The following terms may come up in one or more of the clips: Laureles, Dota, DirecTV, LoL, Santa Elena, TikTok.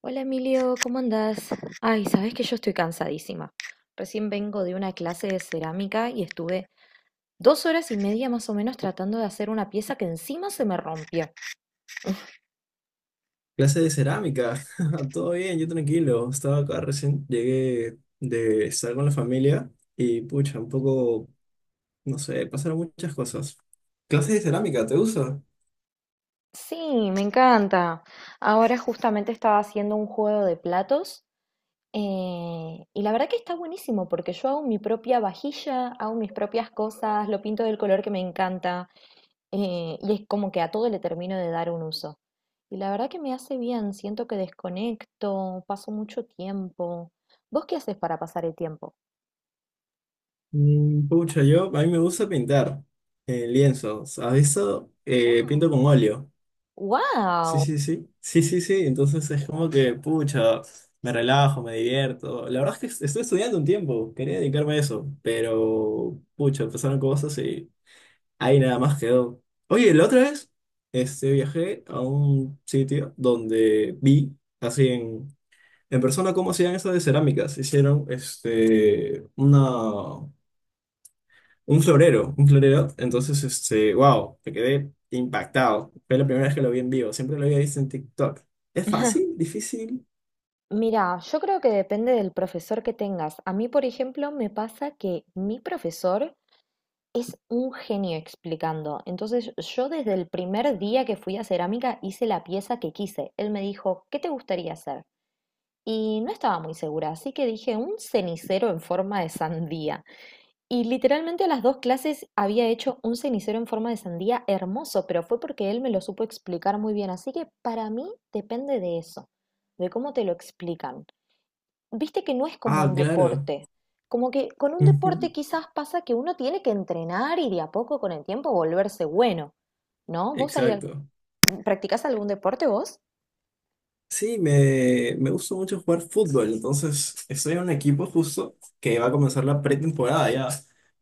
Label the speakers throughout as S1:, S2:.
S1: Hola Emilio, ¿cómo andás? Ay, sabes que yo estoy cansadísima. Recién vengo de una clase de cerámica y estuve 2 horas y media más o menos tratando de hacer una pieza que encima se me rompió.
S2: Clase de cerámica. Todo bien, yo tranquilo. Estaba acá recién, llegué de estar con la familia y pucha, un poco, no sé, pasaron muchas cosas. Clase de cerámica, ¿te gusta?
S1: Sí, me encanta. Ahora justamente estaba haciendo un juego de platos y la verdad que está buenísimo porque yo hago mi propia vajilla, hago mis propias cosas, lo pinto del color que me encanta. Y es como que a todo le termino de dar un uso. Y la verdad que me hace bien, siento que desconecto, paso mucho tiempo. ¿Vos qué haces para pasar el tiempo?
S2: Pucha, a mí me gusta pintar en lienzos. A veces
S1: ¡Wow!
S2: pinto con óleo. Sí,
S1: ¡Wow!
S2: sí, sí. Sí, sí, sí. Entonces es como que, pucha, me relajo, me divierto. La verdad es que estoy estudiando un tiempo, quería dedicarme a eso, pero, pucha, pasaron cosas y... Ahí nada más quedó. Oye, la otra vez viajé a un sitio donde vi, en persona, cómo hacían eso de cerámicas. Hicieron un florero, un florero. Entonces, este, wow, me quedé impactado. Fue la primera vez que lo vi en vivo. Siempre lo había visto en TikTok. ¿Es fácil? ¿Difícil?
S1: Mira, yo creo que depende del profesor que tengas. A mí, por ejemplo, me pasa que mi profesor es un genio explicando. Entonces, yo desde el primer día que fui a cerámica hice la pieza que quise. Él me dijo, ¿qué te gustaría hacer? Y no estaba muy segura, así que dije un cenicero en forma de sandía. Y literalmente a las dos clases había hecho un cenicero en forma de sandía hermoso, pero fue porque él me lo supo explicar muy bien. Así que para mí depende de eso, de cómo te lo explican. Viste que no es como
S2: Ah,
S1: un
S2: claro.
S1: deporte. Como que con un deporte
S2: Ujú.
S1: quizás pasa que uno tiene que entrenar y de a poco con el tiempo volverse bueno, ¿no? ¿Vos
S2: Exacto.
S1: practicás algún deporte vos?
S2: Sí, me gusta mucho jugar fútbol. Entonces, estoy en un equipo justo que va a comenzar la pretemporada ya.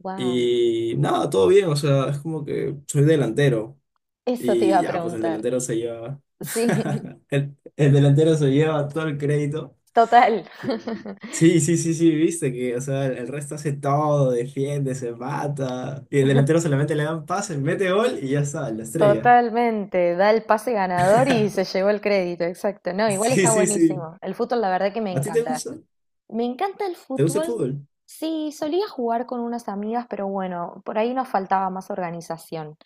S1: ¡Wow,
S2: Y nada, todo bien, o sea, es como que soy delantero.
S1: eso te iba
S2: Y
S1: a
S2: ya, pues el
S1: preguntar!
S2: delantero se lleva.
S1: Sí,
S2: El delantero se lleva todo el crédito.
S1: total.
S2: Y sí, sí, sí, sí, viste que, o sea, el resto hace todo, defiende, se mata. Y el delantero solamente le dan pases, mete gol y ya está, la estrella.
S1: Totalmente, da el pase ganador y se llevó el crédito, exacto. No, igual
S2: Sí,
S1: está
S2: sí, sí.
S1: buenísimo. El fútbol, la verdad que me
S2: ¿A ti te
S1: encanta.
S2: gusta?
S1: Me encanta el
S2: ¿Te gusta el
S1: fútbol.
S2: fútbol?
S1: Sí, solía jugar con unas amigas, pero bueno, por ahí nos faltaba más organización.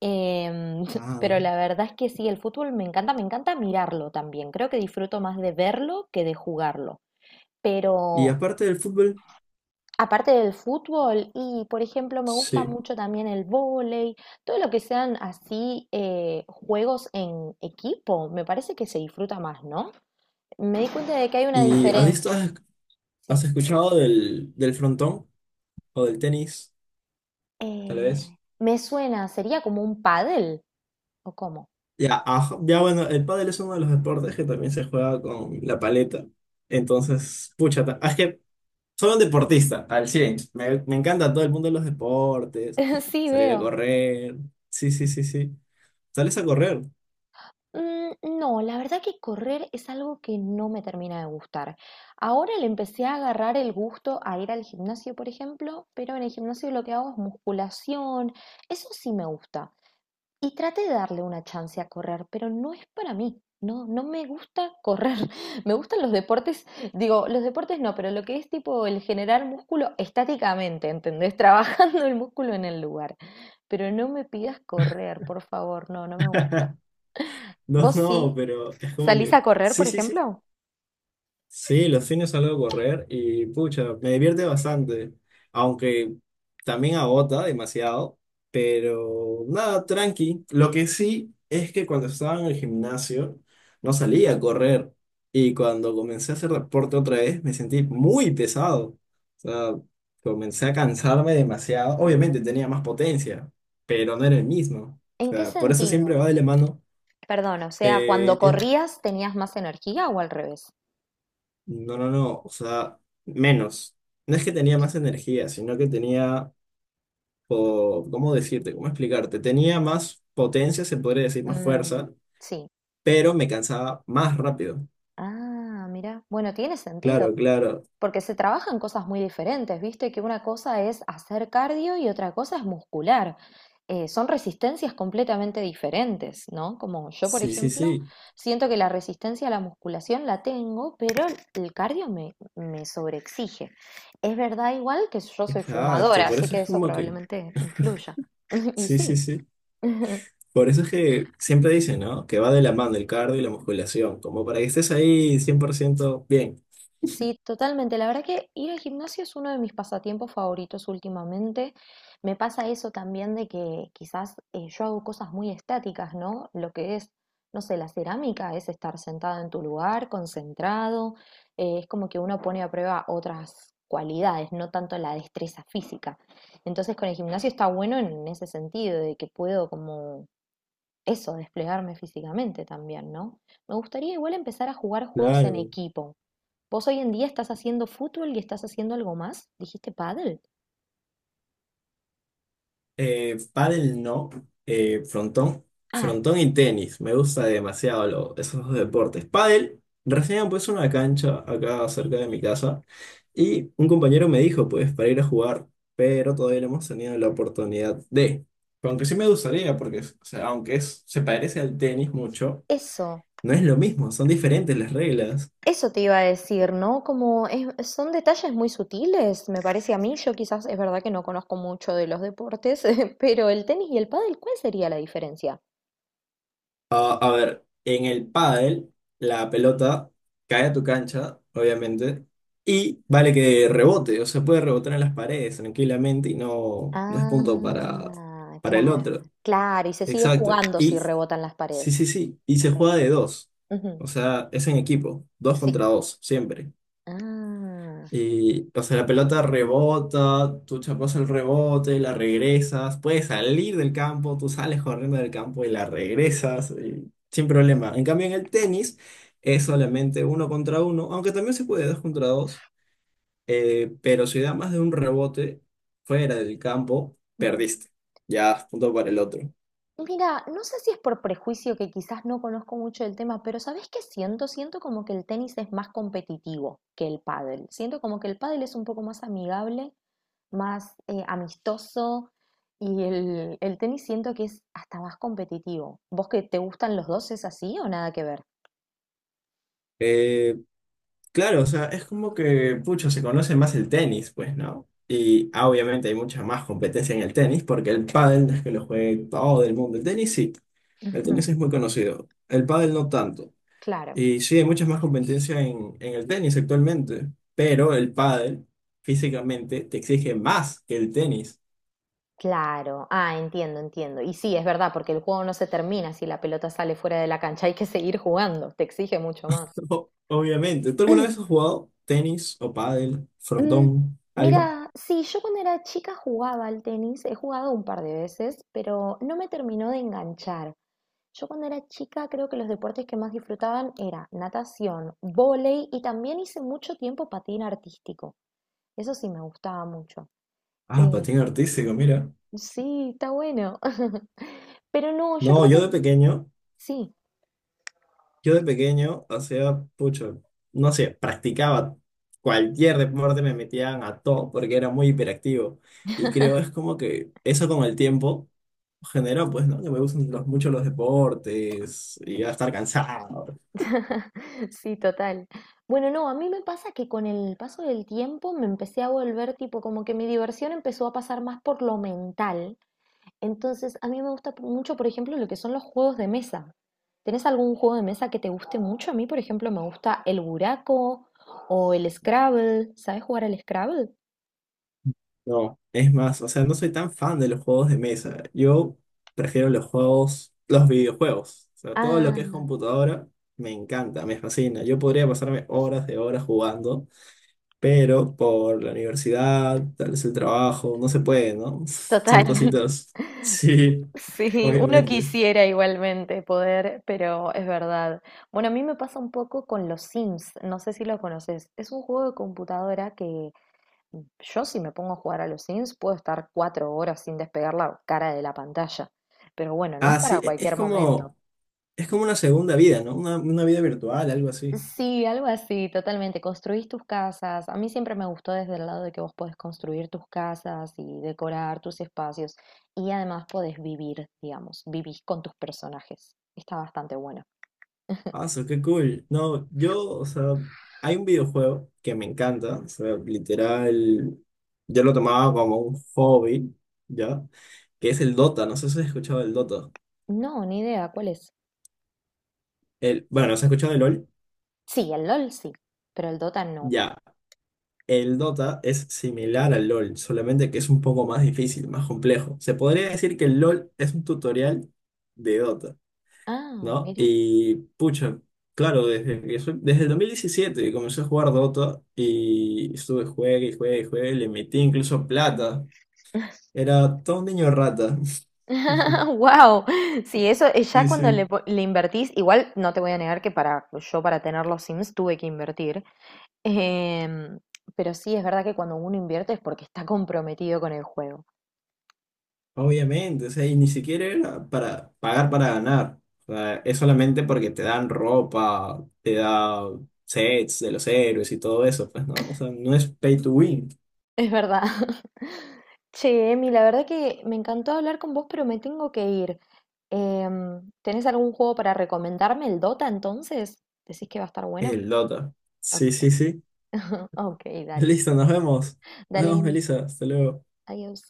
S1: Em,
S2: Ah.
S1: pero la verdad es que sí, el fútbol me encanta mirarlo también. Creo que disfruto más de verlo que de jugarlo.
S2: Y
S1: Pero
S2: aparte del fútbol,
S1: aparte del fútbol, y por ejemplo, me gusta
S2: sí.
S1: mucho también el vóley, todo lo que sean así juegos en equipo, me parece que se disfruta más, ¿no? Me di cuenta de que hay una
S2: ¿Y has visto,
S1: diferencia.
S2: has
S1: Sí.
S2: escuchado del frontón o del tenis, tal
S1: Eh,
S2: vez?
S1: Me suena, sería como un pádel, ¿o cómo?
S2: Ya, ajá, ya bueno, el pádel es uno de los deportes que también se juega con la paleta. Entonces, pucha, es que soy un deportista al 100. Me encanta todo el mundo de los deportes,
S1: Sí,
S2: salir a
S1: veo.
S2: correr. Sí, sí, sí, sí. Sales a correr.
S1: Mm, no, la verdad que correr es algo que no me termina de gustar. Ahora le empecé a agarrar el gusto a ir al gimnasio, por ejemplo, pero en el gimnasio lo que hago es musculación. Eso sí me gusta. Y traté de darle una chance a correr, pero no es para mí. No, no me gusta correr. Me gustan los deportes, digo, los deportes no, pero lo que es tipo el generar músculo estáticamente, ¿entendés? Trabajando el músculo en el lugar. Pero no me pidas correr, por favor, no, no me gusta.
S2: No,
S1: ¿Vos
S2: no,
S1: sí?
S2: pero es como
S1: ¿Salís
S2: que...
S1: a correr,
S2: Sí,
S1: por
S2: sí, sí.
S1: ejemplo?
S2: Sí, los fines salgo a correr y pucha, me divierte bastante, aunque también agota demasiado, pero nada, tranqui. Lo que sí es que cuando estaba en el gimnasio no salía a correr y cuando comencé a hacer deporte otra vez me sentí muy pesado. O sea, comencé a cansarme demasiado. Obviamente tenía más potencia, pero no era el mismo. O
S1: ¿En qué
S2: sea, por eso
S1: sentido?
S2: siempre va de la mano.
S1: Perdón, o sea, cuando
S2: Eh,
S1: corrías tenías más energía o al revés.
S2: No, no, no, o sea, menos. No es que tenía más energía, sino que tenía, ¿cómo decirte? ¿Cómo explicarte? Tenía más potencia, se podría decir, más
S1: Mm,
S2: fuerza,
S1: sí,
S2: pero
S1: entiendo.
S2: me cansaba más rápido.
S1: Ah, mira, bueno, tiene sentido.
S2: Claro, claro.
S1: Porque se trabajan cosas muy diferentes, viste que una cosa es hacer cardio y otra cosa es muscular. Son resistencias completamente diferentes, ¿no? Como yo, por
S2: Sí, sí,
S1: ejemplo,
S2: sí.
S1: siento que la resistencia a la musculación la tengo, pero el cardio me sobreexige. Es verdad igual que yo soy
S2: Exacto.
S1: fumadora,
S2: Por
S1: así
S2: eso
S1: que
S2: es
S1: eso
S2: como que...
S1: probablemente influya. Y
S2: Sí, sí,
S1: sí.
S2: sí. Por eso es que siempre dicen, ¿no? Que va de la mano el cardio y la musculación, como para que estés ahí 100% bien.
S1: Sí, totalmente. La verdad que ir al gimnasio es uno de mis pasatiempos favoritos últimamente. Me pasa eso también de que quizás yo hago cosas muy estáticas, ¿no? Lo que es, no sé, la cerámica es estar sentado en tu lugar, concentrado. Es como que uno pone a prueba otras cualidades, no tanto la destreza física. Entonces con el gimnasio está bueno en ese sentido, de que puedo como eso, desplegarme físicamente también, ¿no? Me gustaría igual empezar a jugar juegos en
S2: Claro.
S1: equipo, ¿vos hoy en día estás haciendo fútbol y estás haciendo algo más? ¿Dijiste pádel?
S2: Pádel no, frontón,
S1: Ah,
S2: frontón y tenis, me gusta demasiado esos dos deportes. Pádel, recién pues una cancha acá cerca de mi casa y un compañero me dijo pues para ir a jugar, pero todavía no hemos tenido la oportunidad de, aunque sí me gustaría porque o sea, aunque es, se parece al tenis mucho,
S1: eso,
S2: no es lo mismo, son diferentes las reglas.
S1: eso te iba a decir, ¿no? Son detalles muy sutiles, me parece a mí. Yo quizás es verdad que no conozco mucho de los deportes, pero el tenis y el pádel, ¿cuál sería la diferencia?
S2: A ver, en el pádel, la pelota cae a tu cancha, obviamente, y vale que rebote, o sea, puede rebotar en las paredes tranquilamente y no, no es punto
S1: Ah,
S2: para el
S1: claro,
S2: otro.
S1: claro, y se sigue
S2: Exacto.
S1: jugando si
S2: Y
S1: rebotan las
S2: sí, sí,
S1: paredes.
S2: sí. Y se
S1: Ok.
S2: juega de dos.
S1: Ujú,
S2: O sea, es en equipo, dos
S1: sí.
S2: contra dos, siempre.
S1: Ah,
S2: Y, o sea, la pelota rebota, tú chapas el rebote, la regresas, puedes salir del campo, tú sales corriendo del campo y la regresas, y sin problema. En cambio, en el tenis es solamente uno contra uno, aunque también se puede dos contra dos, pero si da más de un rebote fuera del campo, perdiste. Ya, punto para el otro.
S1: mira, no sé si es por prejuicio que quizás no conozco mucho del tema, pero ¿sabés qué siento? Siento como que el tenis es más competitivo que el pádel. Siento como que el pádel es un poco más amigable, más amistoso y el tenis siento que es hasta más competitivo. ¿Vos que te gustan los dos es así o nada que ver?
S2: Eh, Claro, o sea, es como que, pucha, se conoce más el tenis, pues, ¿no? Y ah, obviamente hay mucha más competencia en el tenis, porque el pádel no es que lo juegue todo el mundo. El tenis sí, el tenis
S1: Ujú,
S2: es muy conocido, el pádel no tanto.
S1: claro.
S2: Y sí, hay mucha más competencia en el tenis actualmente, pero el pádel físicamente te exige más que el tenis.
S1: Claro, ah, entiendo, entiendo. Y sí, es verdad, porque el juego no se termina si la pelota sale fuera de la cancha, hay que seguir jugando, te exige mucho más.
S2: O- obviamente. ¿Tú alguna vez has jugado tenis o pádel,
S1: Mm,
S2: frontón, algo?
S1: mira, sí, yo cuando era chica jugaba al tenis, he jugado un par de veces, pero no me terminó de enganchar. Yo cuando era chica creo que los deportes que más disfrutaban era natación, vóley y también hice mucho tiempo patín artístico. Eso sí me gustaba mucho.
S2: Ah,
S1: Eh,
S2: patín artístico, mira.
S1: sí, está bueno. Pero no, yo
S2: No,
S1: creo
S2: yo
S1: que
S2: de pequeño.
S1: sí.
S2: Yo de pequeño hacía, pucho, no sé, practicaba cualquier deporte, me metían a todo porque era muy hiperactivo. Y creo es como que eso con el tiempo genera, pues, ¿no? Que me gustan mucho los deportes y a estar cansado.
S1: Sí, total. Bueno, no, a mí me pasa que con el paso del tiempo me empecé a volver tipo como que mi diversión empezó a pasar más por lo mental. Entonces, a mí me gusta mucho, por ejemplo, lo que son los juegos de mesa. ¿Tenés algún juego de mesa que te guste mucho? A mí, por ejemplo, me gusta el buraco o el Scrabble. ¿Sabes jugar al Scrabble?
S2: No, es más, o sea, no soy tan fan de los juegos de mesa. Yo prefiero los juegos, los videojuegos. O sea, todo lo que es
S1: Ah,
S2: computadora me encanta, me fascina. Yo podría pasarme horas de horas jugando, pero por la universidad, tal vez el trabajo, no se puede, ¿no?
S1: total.
S2: Son cositas. Sí,
S1: Sí, uno
S2: obviamente.
S1: quisiera igualmente poder, pero es verdad. Bueno, a mí me pasa un poco con los Sims, no sé si lo conoces. Es un juego de computadora que yo si me pongo a jugar a los Sims puedo estar 4 horas sin despegar la cara de la pantalla. Pero bueno, no es
S2: Ah, sí,
S1: para cualquier momento.
S2: es como una segunda vida, ¿no? Una vida virtual, algo así.
S1: Sí, algo así, totalmente. Construís tus casas. A mí siempre me gustó desde el lado de que vos podés construir tus casas y decorar tus espacios. Y además podés vivir, digamos, vivís con tus personajes. Está bastante bueno.
S2: Ah, so, qué cool. No, yo, o sea, hay un videojuego que me encanta, o sea, literal, yo lo tomaba como un hobby, ¿ya? Que es el Dota, no sé si has escuchado el Dota.
S1: No, ni idea, ¿cuál es?
S2: El, bueno, ¿se ha escuchado el LOL?
S1: Sí, el LOL sí, pero el Dota no.
S2: Ya. El Dota es similar al LoL, solamente que es un poco más difícil, más complejo. Se podría decir que el LoL es un tutorial de Dota,
S1: Ah,
S2: ¿no?
S1: mira.
S2: Y pucha, claro, desde el 2017, que comencé a jugar Dota y estuve juegue y juegue y juegue, le metí incluso plata. Era todo un niño rata.
S1: Wow, sí, eso ya
S2: Sí,
S1: cuando le,
S2: sí.
S1: le invertís, igual no te voy a negar que para pues, yo para tener los Sims tuve que invertir, em, pero sí es verdad que cuando uno invierte es porque está comprometido con el juego,
S2: Obviamente, o sea, y ni siquiera era para pagar para ganar. O sea, es solamente porque te dan ropa, te da sets de los héroes y todo eso, pues no, o sea, no es pay to win,
S1: es verdad. Che, Emi, la verdad que me encantó hablar con vos, pero me tengo que ir. Em, ¿tenés algún juego para recomendarme? ¿El Dota entonces? ¿Decís que va a estar
S2: es
S1: bueno?
S2: el Dota. Sí,
S1: Ok.
S2: sí, sí.
S1: Ok, dale.
S2: Listo, nos vemos. Nos
S1: Dale,
S2: vemos,
S1: Emi.
S2: Melissa. Hasta luego.
S1: Adiós.